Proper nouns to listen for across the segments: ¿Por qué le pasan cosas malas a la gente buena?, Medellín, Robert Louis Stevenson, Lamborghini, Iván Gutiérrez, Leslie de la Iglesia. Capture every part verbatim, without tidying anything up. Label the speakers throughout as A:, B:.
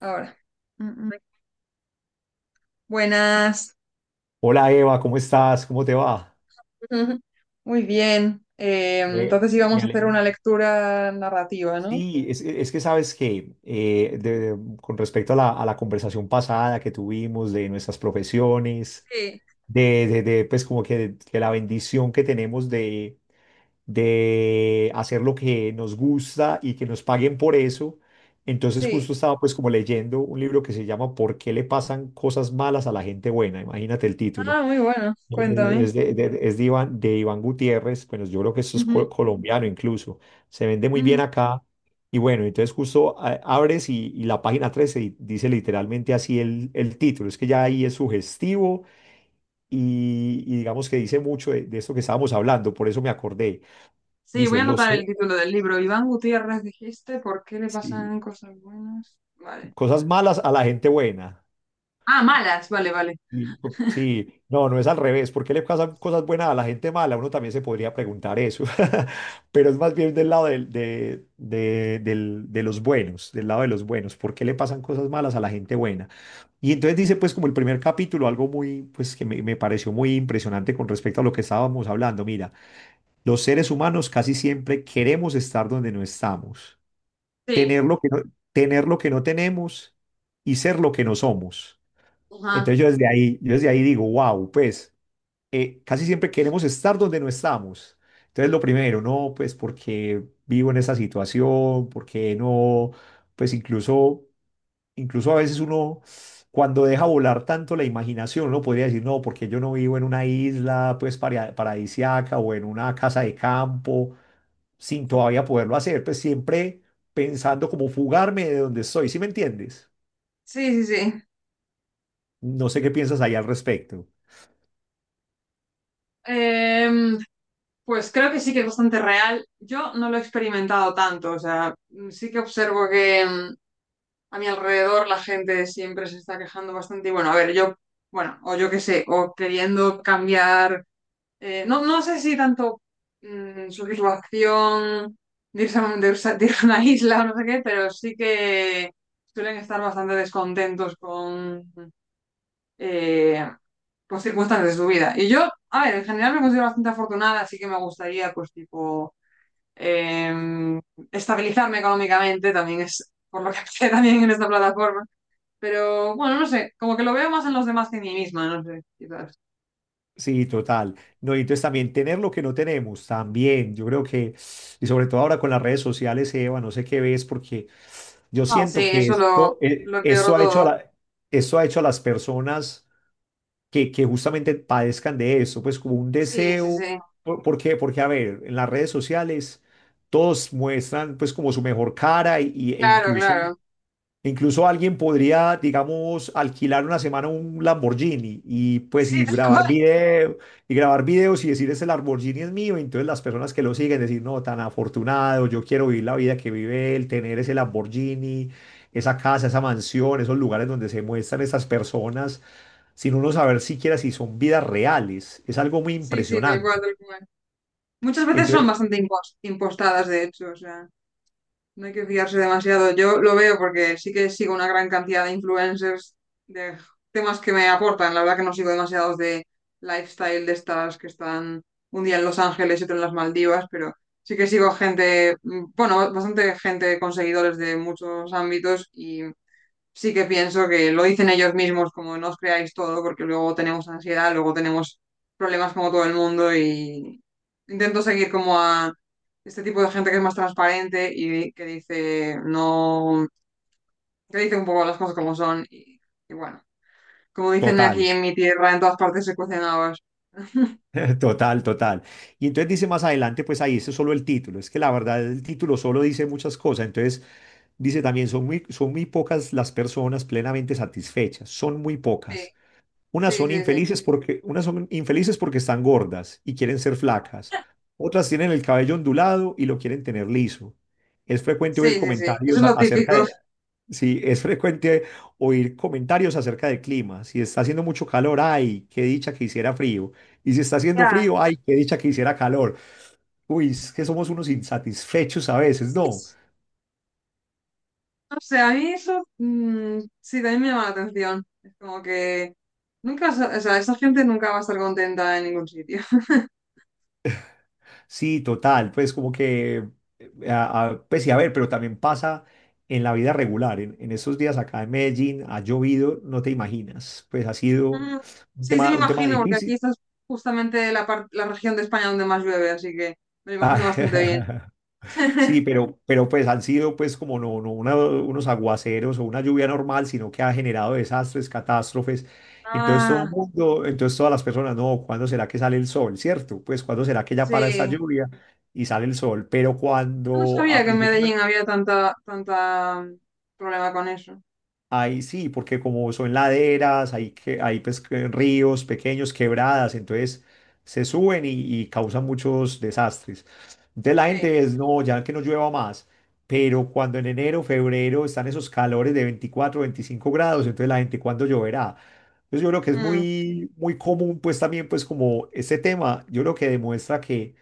A: Ahora. Mm, mm. Buenas.
B: Hola Eva, ¿cómo estás? ¿Cómo te va?
A: Muy bien. Eh,
B: Me,
A: entonces
B: me
A: íbamos a hacer
B: alegro.
A: una lectura narrativa, ¿no?
B: Sí, es, es que sabes que eh, de- de- con respecto a la, a la conversación pasada que tuvimos de nuestras profesiones,
A: Sí.
B: de, de- de, pues como que, que la bendición que tenemos de, de hacer lo que nos gusta y que nos paguen por eso, entonces
A: Sí.
B: justo estaba pues como leyendo un libro que se llama ¿Por qué le pasan cosas malas a la gente buena? Imagínate el título.
A: Ah, muy bueno.
B: Eh,
A: Cuéntame.
B: Es de, de- es de Iván, de Iván Gutiérrez. Bueno, yo creo que eso es
A: Ujú,
B: col- colombiano incluso, se vende muy bien
A: ujú.
B: acá. Y bueno, entonces justo a- abres y, y la página trece di- dice literalmente así el, el título, es que ya ahí es sugestivo y, y digamos que dice mucho de, de esto que estábamos hablando, por eso me acordé.
A: Sí, voy
B: Dice,
A: a
B: los,
A: anotar el título del libro. Iván Gutiérrez, dijiste, ¿por qué le
B: sí,
A: pasan cosas buenas? Vale.
B: cosas malas a la gente buena.
A: Ah, malas, vale, vale.
B: Y, pu- sí, no, no es al revés. ¿Por qué le pasan cosas buenas a la gente mala? Uno también se podría preguntar eso. Pero es más bien del lado del- de, de, del- de los buenos, del lado de los buenos. ¿Por qué le pasan cosas malas a la gente buena? Y entonces dice, pues, como el primer capítulo, algo muy, pues, que me, me pareció muy impresionante con respecto a lo que estábamos hablando. Mira, los seres humanos casi siempre queremos estar donde no estamos,
A: Sí,
B: tener lo que no, tener lo que no tenemos y ser lo que no somos.
A: ajá.
B: Entonces yo desde ahí, yo desde ahí digo, wow, pues eh, casi siempre queremos estar donde no estamos. Entonces lo primero, no, pues porque vivo en esta situación, porque no, pues incluso, incluso a veces uno cuando deja volar tanto la imaginación, uno podría decir, no, porque yo no vivo en una isla, pues para- paradisiaca o en una casa de campo, sin todavía poderlo hacer, pues siempre pensando como fugarme de donde estoy, ¿sí me entiendes?
A: Sí, sí, sí.
B: No sé qué piensas ahí al respecto.
A: Em, pues creo que sí que es bastante real. Yo no lo he experimentado tanto, o sea, mm, sí que observo que, mm, a mi alrededor la gente siempre se está quejando bastante. Y bueno, a ver, yo, bueno, o yo qué sé, o queriendo cambiar, eh, no, no sé si tanto mm, satisfacción de irse, a un- de irse a de ir a una isla o no sé qué, pero sí que suelen estar bastante descontentos con, eh, pues, circunstancias de su vida. Y yo, a ver, en general me considero bastante afortunada, así que me gustaría, pues, tipo, em, estabilizarme económicamente, también es por lo que empecé también en esta plataforma, pero bueno, no sé, como que lo veo más en los demás que en mí misma, no sé, quizás.
B: Sí, total. No, y entonces también tener lo que no tenemos, también. Yo creo que, y sobre todo ahora con las redes sociales, Eva, no sé qué ves, porque yo
A: Ah, sí,
B: siento que
A: eso lo,
B: esto, eh,
A: lo
B: eso
A: empeoró
B: ha hecho a
A: todo.
B: la- eso ha hecho a las personas que, que justamente padezcan de eso, pues como un
A: Sí, sí,
B: deseo.
A: sí.
B: ¿Por, por qué? Porque, a ver, en las redes sociales todos muestran pues como su mejor cara y, y- e
A: Claro,
B: incluso,
A: claro.
B: incluso alguien podría, digamos, alquilar una semana un Lamborghini y pues
A: Sí,
B: y
A: tal
B: grabar
A: cual.
B: video, y grabar videos y decir ese Lamborghini es mío. Y entonces las personas que lo siguen decir, no, tan afortunado, yo quiero vivir la vida que vive él, tener ese Lamborghini, esa casa, esa mansión, esos lugares donde se muestran esas personas, sin uno saber siquiera si son vidas reales. Es algo muy
A: Sí, sí, tal cual,
B: impresionante.
A: tal cual. Muchas veces son
B: Entonces,
A: bastante impos- impostadas, de hecho, o sea. No hay que fiarse demasiado. Yo lo veo porque sí que sigo una gran cantidad de influencers de temas que me aportan. La verdad que no sigo demasiados de lifestyle de estas que están un día en Los Ángeles y otro en las Maldivas, pero sí que sigo gente, mm, bueno, bastante gente con seguidores de muchos ámbitos y sí que pienso que lo dicen ellos mismos, como no os creáis todo, porque luego tenemos ansiedad, luego tenemos problemas como todo el mundo. Y intento seguir como a este tipo de gente que es más transparente y que dice no, que dice un poco las cosas como son y, y bueno, como dicen aquí
B: total.
A: en mi tierra, en todas partes se cuecen habas.
B: Total, total. Y entonces dice más adelante, pues ahí eso es solo el título. Es que la verdad el título solo dice muchas cosas. Entonces dice también, son muy, son muy pocas las personas plenamente satisfechas. Son muy
A: Sí,
B: pocas. Unas
A: sí,
B: son
A: sí, sí,
B: infelices porque, unas son infelices porque están gordas y quieren ser flacas. Otras tienen el cabello ondulado y lo quieren tener liso. Es frecuente
A: sí,
B: oír
A: sí, sí, eso
B: comentarios
A: es
B: a-
A: lo
B: acerca
A: típico.
B: de, Sí, es frecuente oír comentarios acerca del clima. Si está haciendo mucho calor, ay, qué dicha que hiciera frío. Y si está haciendo
A: Ya.
B: frío, ay, qué dicha que hiciera calor. Uy, es que somos unos insatisfechos a veces, ¿no?
A: No sé, a mí eso, mm, sí también me llama la atención. Es como que nunca, sa- o sea, esa gente nunca va a estar contenta en ningún sitio.
B: Sí, total, pues como que, eh, a- a- pues sí, a ver, pero también pasa en la vida regular. En, en estos días acá en Medellín ha llovido, no te imaginas. Pues ha sido
A: Mm.
B: un
A: Sí, sí,
B: tema,
A: me
B: un tema
A: imagino, porque aquí
B: difícil.
A: esta es justamente la, par- la región de España donde más llueve, así que me lo imagino bastante bien.
B: Ah, sí, pero, pero pues han sido pues como no, no una- unos aguaceros o una lluvia normal, sino que ha generado desastres, catástrofes. Entonces todo el
A: Ah,
B: mundo, entonces todas las personas, no, ¿cuándo será que sale el sol? ¿Cierto? Pues ¿cuándo será que ya para esta
A: sí.
B: lluvia y sale el sol? Pero
A: No
B: cuando a
A: sabía que en
B: principios...
A: Medellín había tanta, tanta mm, problema con eso.
B: Ahí sí, porque como son laderas, hay, que, hay pues, que ríos pequeños, quebradas, entonces se suben y, y causan muchos desastres. Entonces la
A: Sí.
B: gente es, no, ya que no llueva más, pero cuando en enero, febrero están esos calores de veinticuatro, veinticinco grados, entonces la gente, ¿cuándo lloverá? Entonces yo creo que es
A: Mm.
B: muy, muy común, pues también, pues como este tema, yo creo que demuestra que,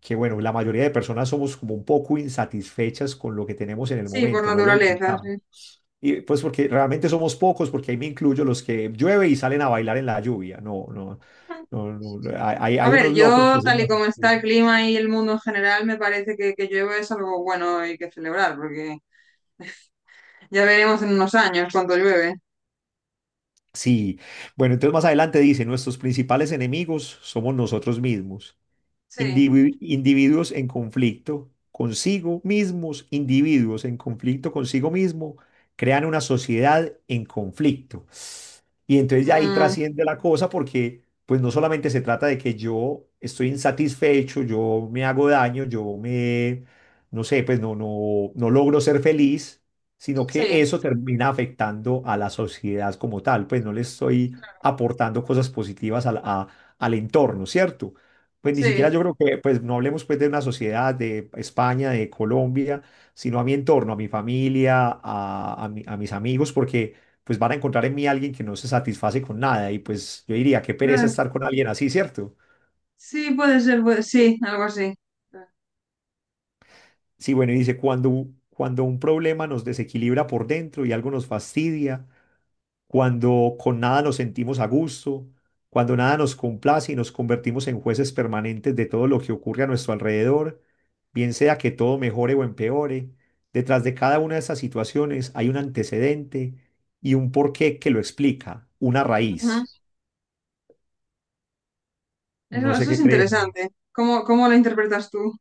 B: que, bueno, la mayoría de personas somos como un poco insatisfechas con lo que tenemos en el
A: Sí, por
B: momento, no lo
A: naturaleza, sí.
B: disfrutamos. Y pues porque realmente somos pocos, porque ahí me incluyo los que llueve y salen a bailar en la lluvia. No, no, no, no, no, Hay,
A: A
B: hay
A: ver,
B: unos locos que
A: yo
B: se
A: tal
B: lo
A: y
B: hacen.
A: como
B: Sí.
A: está el clima y el mundo en general, me parece que que llueve es algo bueno y que celebrar, porque ya veremos en unos años cuánto llueve.
B: Sí. Bueno, entonces más adelante dice, nuestros principales enemigos somos nosotros mismos.
A: Sí,
B: indivi- individuos en conflicto consigo mismos, individuos en conflicto consigo mismo, crean una sociedad en conflicto. Y entonces ya ahí
A: mm,
B: trasciende la cosa porque pues no solamente se trata de que yo estoy insatisfecho, yo me hago daño, yo me, no sé, pues no, no, no logro ser feliz, sino que
A: sí,
B: eso termina afectando a la sociedad como tal, pues no le estoy aportando cosas positivas al a- al entorno, ¿cierto? Pues ni siquiera yo
A: sí,
B: creo que, pues no hablemos pues de una sociedad de España, de Colombia, sino a mi entorno, a mi familia, a, a mi- a mis amigos, porque pues van a encontrar en mí alguien que no se satisface con nada y pues yo diría, qué pereza
A: claro.
B: estar con alguien así, ¿cierto?
A: Sí, puede ser, puede- sí, algo así.
B: Sí, bueno, y dice, cuando, cuando un problema nos desequilibra por dentro y algo nos fastidia, cuando con nada nos sentimos a gusto, cuando nada nos complace y nos convertimos en jueces permanentes de todo lo que ocurre a nuestro alrededor, bien sea que todo mejore o empeore, detrás de cada una de esas situaciones hay un antecedente y un porqué que lo explica, una
A: Ujú.
B: raíz.
A: Eso,
B: No sé
A: eso
B: qué
A: es
B: crees.
A: interesante. ¿Cómo, cómo lo interpretas tú?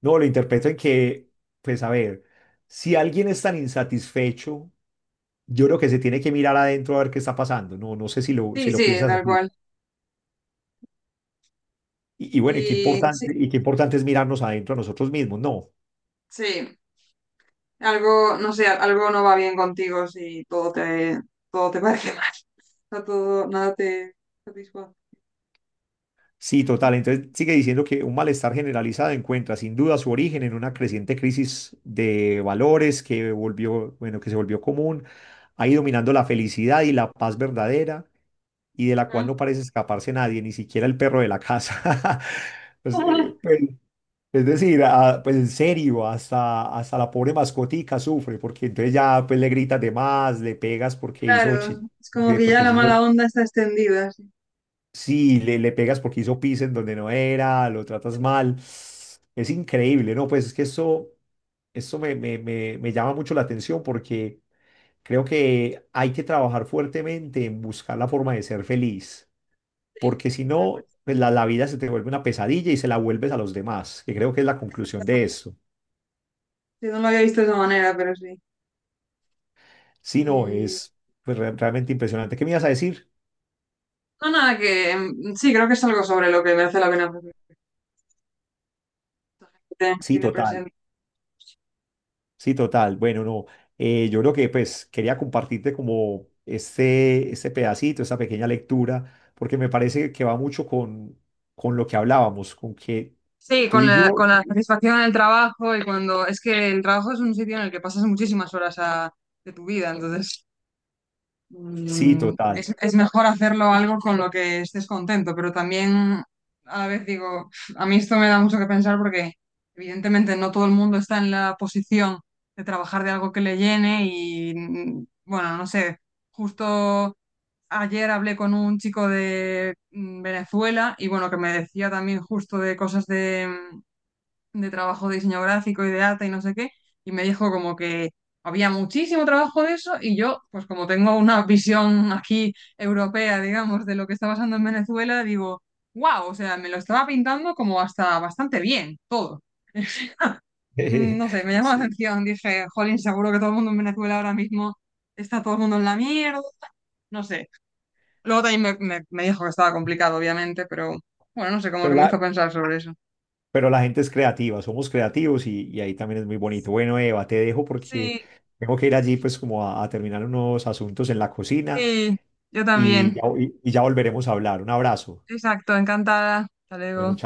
B: No, lo interpreto en que, pues a ver, si alguien es tan insatisfecho, yo creo que se tiene que mirar adentro a ver qué está pasando. No, no sé si lo, si
A: Sí,
B: lo
A: sí,
B: piensas
A: tal
B: así.
A: cual.
B: Y, y bueno, y qué
A: Y sí,
B: importante, y qué importante es mirarnos adentro a nosotros mismos, ¿no?
A: sí, algo, no sé, algo no va bien contigo si todo te, todo te parece mal. O sea, todo, nada te satisface.
B: Sí, total. Entonces sigue diciendo que un malestar generalizado encuentra sin duda su origen en una creciente crisis de valores que volvió, bueno, que se volvió común, ha ido minando la felicidad y la paz verdadera y de la cual
A: Ujú.
B: no parece escaparse nadie, ni siquiera el perro de la casa. Pues, eh,
A: Ay.
B: pues, es decir, ah, pues en serio, hasta, hasta la pobre mascotica sufre, porque entonces ya pues le gritas de más, le pegas porque hizo
A: Claro,
B: chi-
A: es como
B: porque,
A: que ya
B: porque
A: la
B: se
A: mala
B: hizo...
A: onda está extendida. Sí.
B: Sí, le, le pegas porque hizo pis en donde no era, lo tratas mal. Es increíble, ¿no? Pues es que eso, eso me, me, me, me llama mucho la atención porque creo que hay que trabajar fuertemente en buscar la forma de ser feliz,
A: Sí,
B: porque si
A: tal cual.
B: no, pues la, la vida se te vuelve una pesadilla y se la vuelves a los demás, que creo que es la conclusión de eso.
A: Sí, no lo había visto de esa manera, pero sí.
B: Si no,
A: Y-
B: es pues, re- realmente impresionante. ¿Qué me ibas a decir?
A: No, nada, que mm, sí, creo que es algo sobre lo que merece la pena reflexionar. tiene
B: Sí,
A: tiene
B: total.
A: presente.
B: Sí, total. Bueno, no, eh, yo creo que pues quería compartirte como este, este pedacito, esta pequeña lectura, porque me parece que va mucho con, con lo que hablábamos, con que
A: Sí,
B: tú
A: con
B: y
A: la,
B: yo,
A: con la satisfacción en el trabajo. Y cuando es que el trabajo es un sitio en el que pasas muchísimas horas a- de tu vida, entonces,
B: sí,
A: mm,
B: total.
A: es, es mejor hacerlo algo con lo que estés contento, pero también a la vez digo, "Uf, a mí esto me da mucho que pensar, porque evidentemente no todo el mundo está en la posición de trabajar de algo que le llene". Y mm, bueno, no sé, justo ayer hablé con un chico de mm, Venezuela y bueno, que me decía también justo de cosas de... mm, de trabajo de diseño gráfico y de arte y no sé qué, y me dijo como que había muchísimo trabajo de eso. Y yo, pues como tengo una visión aquí europea, digamos, de lo que está pasando en Venezuela, digo, wow, o sea, me lo estaba pintando como hasta bastante bien, todo. Mm. No sé, me llamó la
B: Sí,
A: atención, dije, jolín, seguro que todo el mundo en Venezuela ahora mismo está todo el mundo en la mierda, no sé. Luego también me, me- me dijo que estaba complicado, obviamente, pero bueno, no sé, como
B: pero
A: que me hizo
B: la,
A: pensar sobre eso.
B: pero la gente es creativa, somos creativos y, y ahí también es muy bonito. Bueno, Eva, te dejo porque
A: Sí,
B: tengo que ir allí pues como a, a terminar unos asuntos en la cocina
A: sí, yo
B: y ya,
A: también.
B: y y ya volveremos a hablar. Un abrazo.
A: Exacto, encantada. Hasta
B: Bueno, chao.
A: luego.